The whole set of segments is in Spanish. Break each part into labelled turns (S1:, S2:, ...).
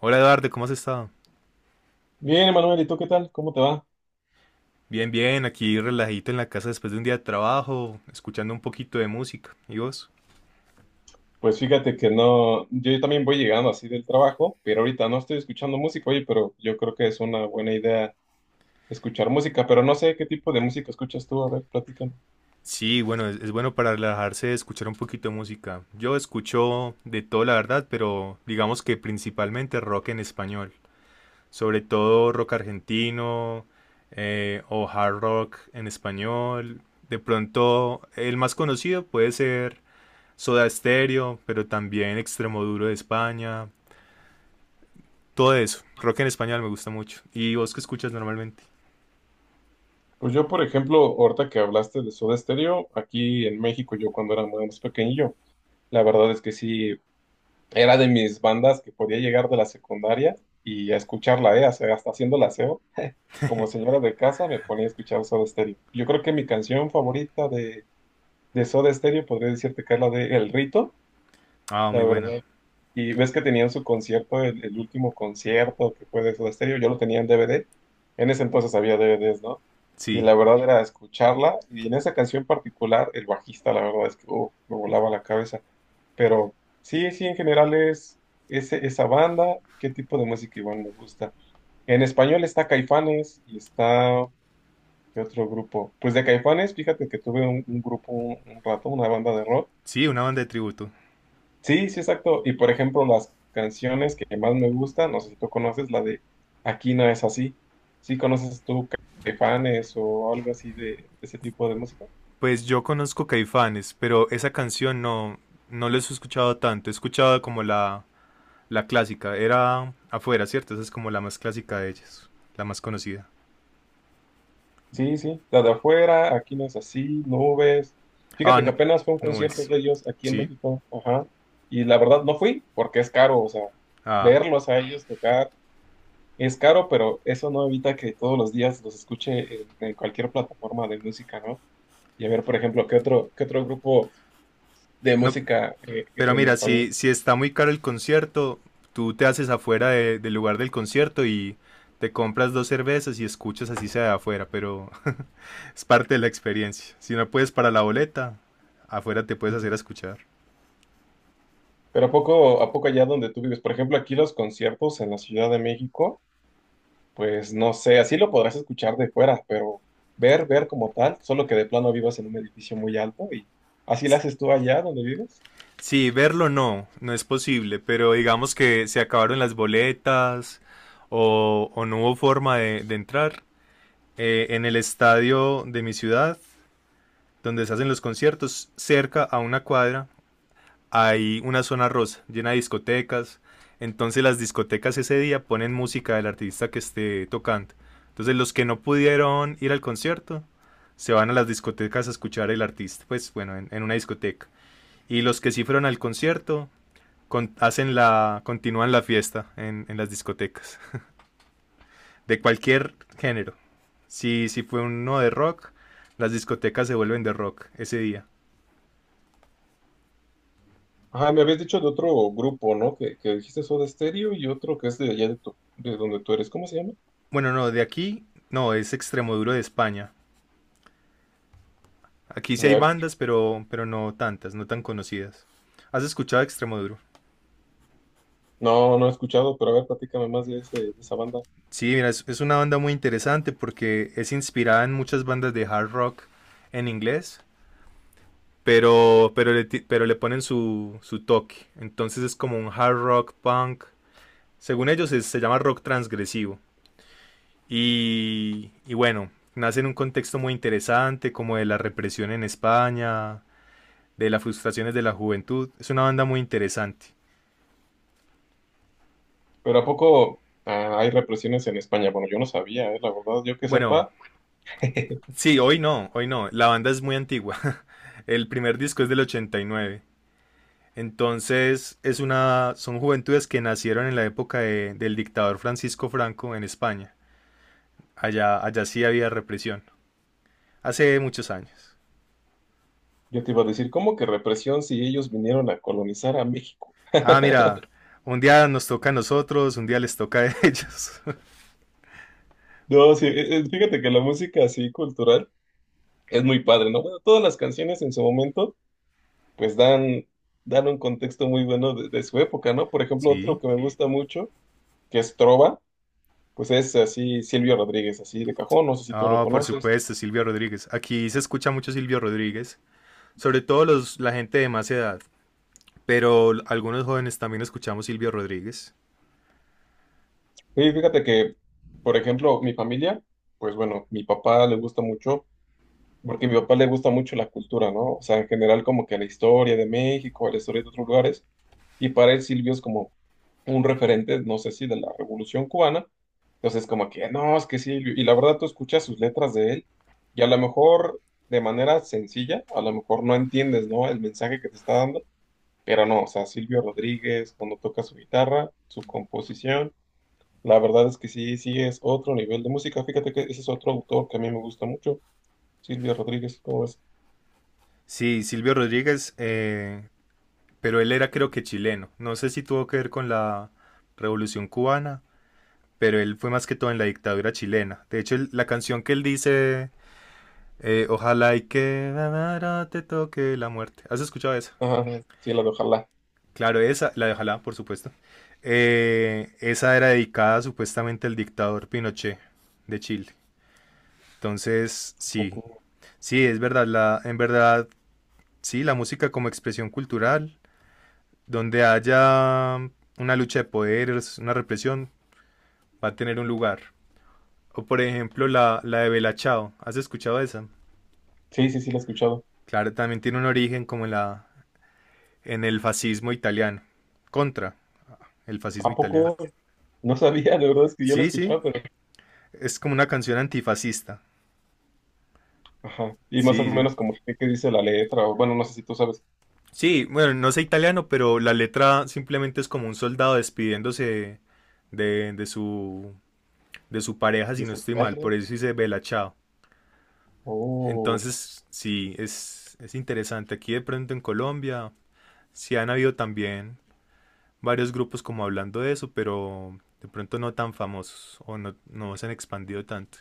S1: Hola Eduardo, ¿cómo has estado?
S2: Bien, Emanuel, ¿y tú qué tal? ¿Cómo te va?
S1: Bien, bien, aquí relajito en la casa después de un día de trabajo, escuchando un poquito de música. ¿Y vos?
S2: Pues fíjate que no, yo también voy llegando así del trabajo, pero ahorita no estoy escuchando música, oye, pero yo creo que es una buena idea escuchar música, pero no sé qué tipo de música escuchas tú, a ver, platícame.
S1: Sí, bueno, es bueno para relajarse escuchar un poquito de música. Yo escucho de todo, la verdad, pero digamos que principalmente rock en español. Sobre todo rock argentino, o hard rock en español. De pronto, el más conocido puede ser Soda Stereo, pero también Extremoduro de España. Todo eso. Rock en español me gusta mucho. ¿Y vos qué escuchas normalmente?
S2: Pues yo, por ejemplo, ahorita que hablaste de Soda Stereo, aquí en México, yo cuando era más pequeñillo, la verdad es que sí, era de mis bandas que podía llegar de la secundaria y a escucharla, ¿eh? O sea, hasta haciendo el aseo, como señora de casa me ponía a escuchar Soda Stereo. Yo creo que mi canción favorita de Soda Stereo, podría decirte que es la de El Rito,
S1: Ah,
S2: la
S1: muy buena.
S2: verdad. Y ves que tenían su concierto, el último concierto que fue de Soda Stereo, yo lo tenía en DVD. En ese entonces había DVDs, ¿no? Y
S1: Sí.
S2: la verdad era escucharla, y en esa canción particular, el bajista, la verdad es que me volaba la cabeza. Pero sí, sí, en general es esa banda, qué tipo de música igual me gusta. En español está Caifanes y está, ¿qué otro grupo? Pues de Caifanes, fíjate que tuve un grupo un rato, una banda de rock.
S1: Sí, una banda de tributo.
S2: Sí, sí, exacto. Y por ejemplo, las canciones que más me gustan, no sé si tú conoces la de Aquí no es así. ¿Sí conoces tú Caifanes o algo así de, ese tipo de música?
S1: Pues yo conozco Caifanes, pero esa canción no, no les he escuchado tanto. He escuchado como la clásica. Era afuera, ¿cierto? Esa es como la más clásica de ellas. La más conocida.
S2: Sí, sí, la de afuera, Aquí no es así, Nubes.
S1: Ah,
S2: Fíjate que
S1: no,
S2: apenas fue un
S1: no
S2: concierto
S1: es.
S2: de ellos aquí en
S1: ¿Sí?
S2: México, ajá. Y la verdad no fui porque es caro, o sea,
S1: Ah.
S2: verlos a ellos tocar es caro, pero eso no evita que todos los días los escuche en cualquier plataforma de música, ¿no? Y a ver, por ejemplo, ¿qué otro grupo de
S1: No,
S2: música
S1: pero
S2: en
S1: mira, si,
S2: español?
S1: si está muy caro el concierto, tú te haces afuera del lugar del concierto y te compras dos cervezas y escuchas así sea de afuera, pero es parte de la experiencia. Si no puedes para la boleta, afuera te puedes hacer
S2: Ujú.
S1: a escuchar.
S2: Pero a poco allá donde tú vives, por ejemplo, aquí los conciertos en la Ciudad de México, pues no sé, así lo podrás escuchar de fuera, pero ver como tal, solo que de plano vivas en un edificio muy alto y así lo haces tú allá donde vives.
S1: Sí, verlo no, no es posible, pero digamos que se acabaron las boletas o no hubo forma de entrar. En el estadio de mi ciudad, donde se hacen los conciertos, cerca a una cuadra, hay una zona rosa llena de discotecas. Entonces las discotecas ese día ponen música del artista que esté tocando. Entonces los que no pudieron ir al concierto se van a las discotecas a escuchar el artista, pues bueno, en una discoteca. Y los que sí fueron al concierto hacen la, continúan la fiesta en las discotecas, de cualquier género. Si fue uno de rock, las discotecas se vuelven de rock ese día.
S2: Ajá, me habías dicho de otro grupo, ¿no? Que dijiste Soda Stereo y otro que es de allá de, de donde tú eres. ¿Cómo se llama?
S1: Bueno, no, de aquí, no, es Extremoduro de España. Aquí sí hay
S2: Ya-
S1: bandas, pero no tantas, no tan conocidas. ¿Has escuchado Extremoduro?
S2: No, no he escuchado, pero a ver, platícame más de ese, de esa banda.
S1: Sí, mira, es una banda muy interesante porque es inspirada en muchas bandas de hard rock en inglés, pero le ponen su toque. Entonces es como un hard rock punk. Según ellos se llama rock transgresivo. Y bueno, nace en un contexto muy interesante como de la represión en España, de las frustraciones de la juventud. Es una banda muy interesante.
S2: Pero ¿a poco hay represiones en España? Bueno, yo no sabía, la verdad, yo que
S1: Bueno,
S2: sepa,
S1: sí, hoy no, hoy no. La banda es muy antigua. El primer disco es del 89. Entonces, es una, son juventudes que nacieron en la época del dictador Francisco Franco en España. Allá, allá sí había represión. Hace muchos años.
S2: yo te iba a decir, ¿cómo que represión si ellos vinieron a colonizar a México?
S1: Ah, mira, un día nos toca a nosotros, un día les toca a ellos.
S2: No, sí, fíjate que la música así cultural es muy padre, ¿no? Bueno, todas las canciones en su momento, pues dan, dan un contexto muy bueno de su época, ¿no? Por ejemplo,
S1: Sí.
S2: otro que me gusta mucho, que es Trova, pues es así Silvio Rodríguez, así de cajón, no sé si tú lo
S1: Ah, por
S2: conoces.
S1: supuesto, Silvio Rodríguez. Aquí se escucha mucho Silvio Rodríguez, sobre todo los, la gente de más edad, pero algunos jóvenes también escuchamos Silvio Rodríguez.
S2: Sí, fíjate que, por ejemplo, mi familia, pues bueno, mi papá le gusta mucho, porque a mi papá le gusta mucho la cultura, ¿no? O sea, en general como que la historia de México, la historia de otros lugares, y para él Silvio es como un referente, no sé si de la Revolución Cubana, entonces como que, no, es que Silvio, y la verdad tú escuchas sus letras de él, y a lo mejor de manera sencilla, a lo mejor no entiendes, ¿no? El mensaje que te está dando, pero no, o sea, Silvio Rodríguez, cuando toca su guitarra, su composición, la verdad es que sí, sí es otro nivel de música, fíjate que ese es otro autor que a mí me gusta mucho, Silvio Rodríguez, ¿cómo ves?
S1: Sí, Silvio Rodríguez, pero él era creo que chileno. No sé si tuvo que ver con la Revolución Cubana, pero él fue más que todo en la dictadura chilena. De hecho, la canción que él dice, ojalá y que ahora te toque la muerte. ¿Has escuchado esa?
S2: Ajá, sí, la de Ojalá.
S1: Claro, esa, la de ojalá, por supuesto. Esa era dedicada supuestamente al dictador Pinochet de Chile. Entonces,
S2: ¿A
S1: sí,
S2: poco?
S1: sí, es verdad, la, en verdad, sí, la música como expresión cultural donde haya una lucha de poderes, una represión, va a tener un lugar. O por ejemplo la de Bella Ciao. ¿Has escuchado esa?
S2: Sí, sí, sí, la he escuchado.
S1: Claro, también tiene un origen como en en el fascismo italiano. Contra el fascismo
S2: ¿A
S1: italiano.
S2: poco? No sabía, de verdad es que yo la
S1: Sí, sí.
S2: escuchaba, pero...
S1: Es como una canción antifascista.
S2: Ajá. Y más o
S1: Sí, sí.
S2: menos como que qué dice la letra, o bueno, no sé si tú sabes.
S1: Sí, bueno, no sé italiano, pero la letra simplemente es como un soldado despidiéndose de, de su, de su pareja, si no
S2: Dice
S1: estoy mal.
S2: patria.
S1: Por eso dice Bella Ciao.
S2: Oh.
S1: Entonces, sí, es interesante. Aquí de pronto en Colombia, sí han habido también varios grupos como hablando de eso, pero de pronto no tan famosos o no, no se han expandido tanto.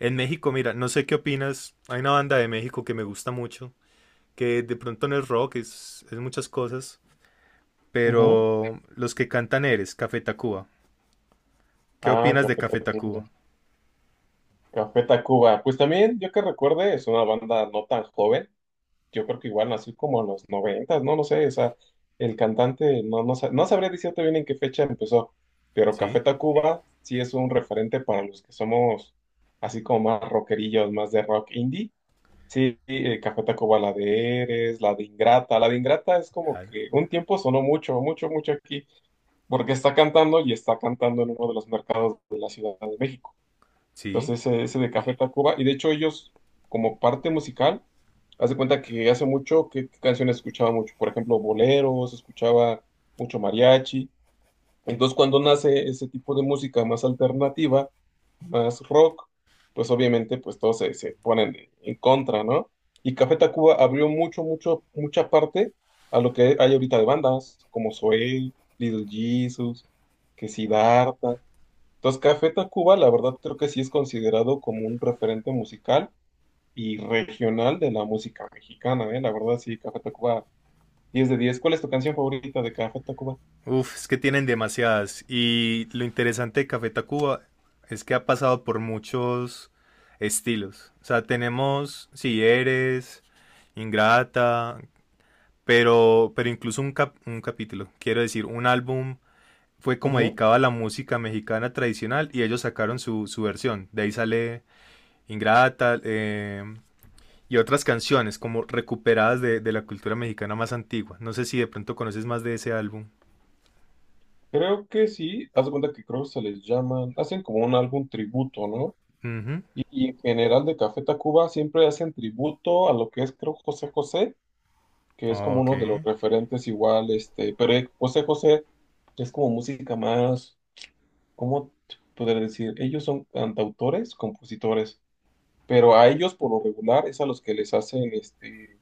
S1: En México, mira, no sé qué opinas. Hay una banda de México que me gusta mucho, que de pronto no es rock, es muchas cosas,
S2: Ajá.
S1: pero los que cantan eres Café Tacuba. ¿Qué
S2: Ah,
S1: opinas de
S2: Café
S1: Café
S2: Tacuba.
S1: Tacuba?
S2: Café Tacuba. Pues también, yo que recuerde, es una banda no tan joven. Yo creo que igual nació como en los noventas, no lo sé, o sea, el cantante, no sabría decirte bien en qué fecha empezó, pero
S1: Sí,
S2: Café Tacuba sí es un referente para los que somos así como más rockerillos, más de rock indie. Sí, Café Tacuba, la de Eres, la de Ingrata es como
S1: claro.
S2: que un tiempo sonó mucho, mucho, mucho aquí, porque está cantando y está cantando en uno de los mercados de la Ciudad de México.
S1: Sí,
S2: Entonces, ese de Café Tacuba, y de hecho ellos como parte musical, haz de cuenta que hace mucho, ¿qué canciones escuchaba mucho? Por ejemplo, boleros, escuchaba mucho mariachi. Entonces, cuando nace ese tipo de música más alternativa, más rock, pues obviamente pues todos se ponen en contra, ¿no? Y Café Tacuba abrió mucho, mucho, mucha parte a lo que hay ahorita de bandas, como Zoé, Little Jesus, que Siddhartha. Entonces, Café Tacuba, la verdad, creo que sí es considerado como un referente musical y regional de la música mexicana, ¿eh? La verdad, sí, Café Tacuba, diez de diez. ¿Cuál es tu canción favorita de Café Tacuba?
S1: uf, es que tienen demasiadas. Y lo interesante de Café Tacuba es que ha pasado por muchos estilos. O sea, tenemos Si eres, Ingrata, pero incluso un capítulo, quiero decir, un álbum fue como
S2: Ujú.
S1: dedicado a la música mexicana tradicional y ellos sacaron su versión. De ahí sale Ingrata, y otras canciones como recuperadas de la cultura mexicana más antigua. No sé si de pronto conoces más de ese álbum.
S2: Creo que sí, haz de cuenta que creo que se les llaman, hacen como un álbum tributo, ¿no?
S1: Ujú.
S2: Y en general de Café Tacuba siempre hacen tributo a lo que es, creo, José José, que es como
S1: Ok.
S2: uno de los referentes igual, este, pero José José es como música más, ¿cómo te podría decir? Ellos son cantautores, compositores, pero a ellos por lo regular es a los que les hacen, este,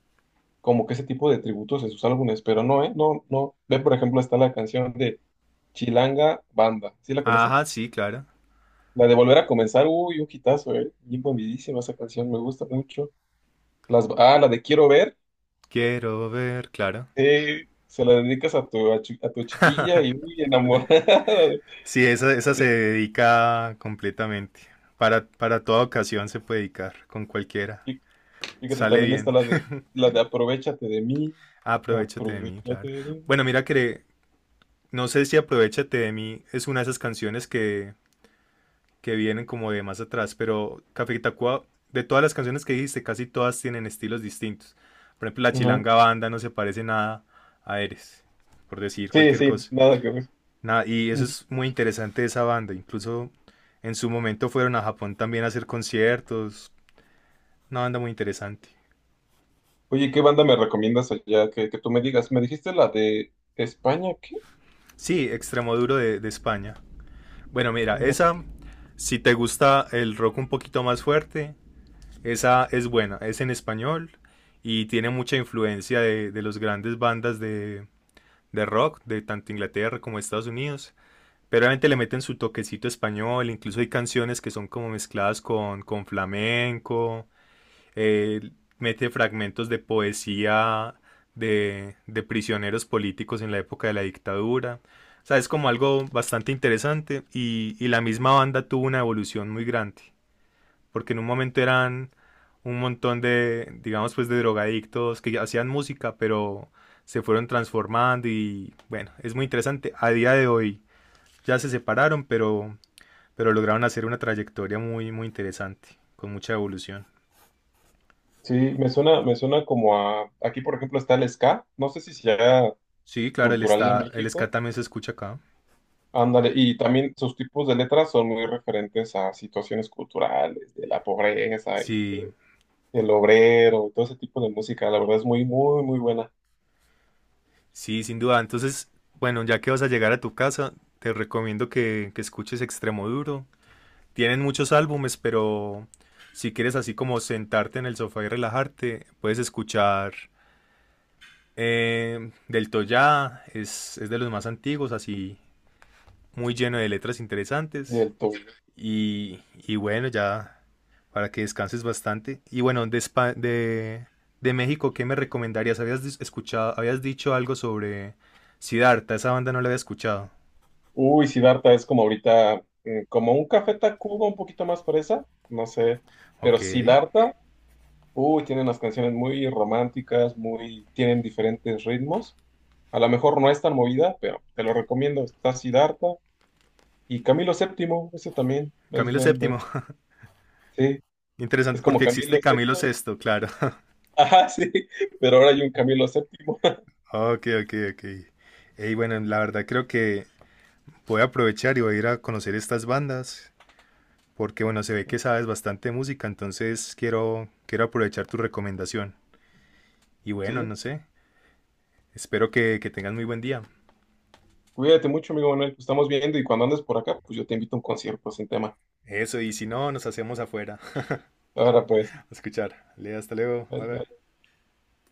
S2: como que ese tipo de tributos en sus álbumes, pero no, ¿eh? No, no. Ve, por ejemplo, está la canción de Chilanga Banda. ¿Sí la
S1: Ajá,
S2: conoces?
S1: sí, claro.
S2: La de Volver a Comenzar, uy, un hitazo, ¿eh? Bien bombidísima esa canción, me gusta mucho. Las, ah, la de Quiero Ver,
S1: Quiero ver, claro.
S2: se la dedicas a tu, a, a tu chiquilla y uy, enamorada.
S1: Sí, esa se dedica completamente. Para toda ocasión se puede dedicar, con cualquiera.
S2: Fí- Fíjate,
S1: Sale
S2: también está
S1: bien.
S2: la de Aprovechate de mí.
S1: Aprovechate de mí, claro.
S2: Aprovechate de mí.
S1: Bueno, mira que no sé si Aprovechate de mí es una de esas canciones que vienen como de más atrás, pero Café Tacuba, de todas las canciones que dijiste, casi todas tienen estilos distintos. Por ejemplo, la
S2: Ujú.
S1: Chilanga Banda no se parece nada a Eres, por decir
S2: Sí,
S1: cualquier
S2: sí,
S1: cosa.
S2: nada que ver.
S1: Nada, y eso es muy interesante de esa banda. Incluso en su momento fueron a Japón también a hacer conciertos. Una banda muy interesante.
S2: Oye, ¿qué banda me recomiendas allá? Que tú me digas. ¿Me dijiste la de España? ¿Qué?
S1: Sí, Extremoduro de España. Bueno, mira,
S2: ¿Cómo?
S1: esa, si te gusta el rock un poquito más fuerte, esa es buena. Es en español y tiene mucha influencia de las grandes bandas de rock, de tanto Inglaterra como Estados Unidos. Pero obviamente le meten su toquecito español, incluso hay canciones que son como mezcladas con flamenco, eh, mete fragmentos de poesía de prisioneros políticos en la época de la dictadura. O sea, es como algo bastante interesante y la misma banda tuvo una evolución muy grande, porque en un momento eran un montón de, digamos, pues de drogadictos que hacían música, pero se fueron transformando y bueno, es muy interesante. A día de hoy ya se separaron, pero lograron hacer una trayectoria muy, muy interesante, con mucha evolución.
S2: Sí, me suena como a... Aquí, por ejemplo, está el ska. No sé si sea
S1: Sí, claro, el
S2: cultural de
S1: está, el
S2: México.
S1: ska también se escucha acá.
S2: Ándale, y también sus tipos de letras son muy referentes a situaciones culturales, de la pobreza y
S1: Sí,
S2: que el obrero, y todo ese tipo de música. La verdad es muy, muy, muy buena.
S1: sí, sin duda. Entonces, bueno, ya que vas a llegar a tu casa, te recomiendo que escuches Extremo Duro. Tienen muchos álbumes, pero si quieres así como sentarte en el sofá y relajarte, puedes escuchar Del Toya, es de los más antiguos, así muy lleno de letras interesantes.
S2: Del todo.
S1: Y bueno, ya para que descanses bastante. Y bueno, de México, ¿qué me recomendarías? ¿Habías escuchado, habías dicho algo sobre Siddhartha? Esa banda no la había escuchado.
S2: Uy, Siddhartha es como ahorita, mm, como un Café Tacuba un poquito más fresa, no sé. Pero
S1: Ok.
S2: Siddhartha uy, tienen unas canciones muy románticas, muy, tienen diferentes ritmos. A lo mejor no es tan movida, pero te lo recomiendo. Está Siddhartha y Camilo Séptimo, ese también es
S1: Camilo
S2: buen, buen.
S1: VII.
S2: Sí, es
S1: Interesante
S2: como
S1: porque
S2: Camilo
S1: existe Camilo
S2: Sexto.
S1: Sexto claro.
S2: Ajá, sí, pero ahora hay un Camilo Séptimo.
S1: Ok, ok, ok. Y bueno, la verdad creo que voy a aprovechar y voy a ir a conocer estas bandas, porque bueno, se ve que sabes bastante música, entonces quiero, quiero aprovechar tu recomendación. Y bueno,
S2: Sí,
S1: no sé, espero que tengan muy buen día.
S2: cuídate mucho, amigo Manuel. Pues estamos viendo y cuando andes por acá, pues yo te invito a un concierto sin tema.
S1: Eso, y si no, nos hacemos afuera.
S2: Ahora pues,
S1: A escuchar. Ale, hasta luego. Bye
S2: bye,
S1: bye.
S2: bye.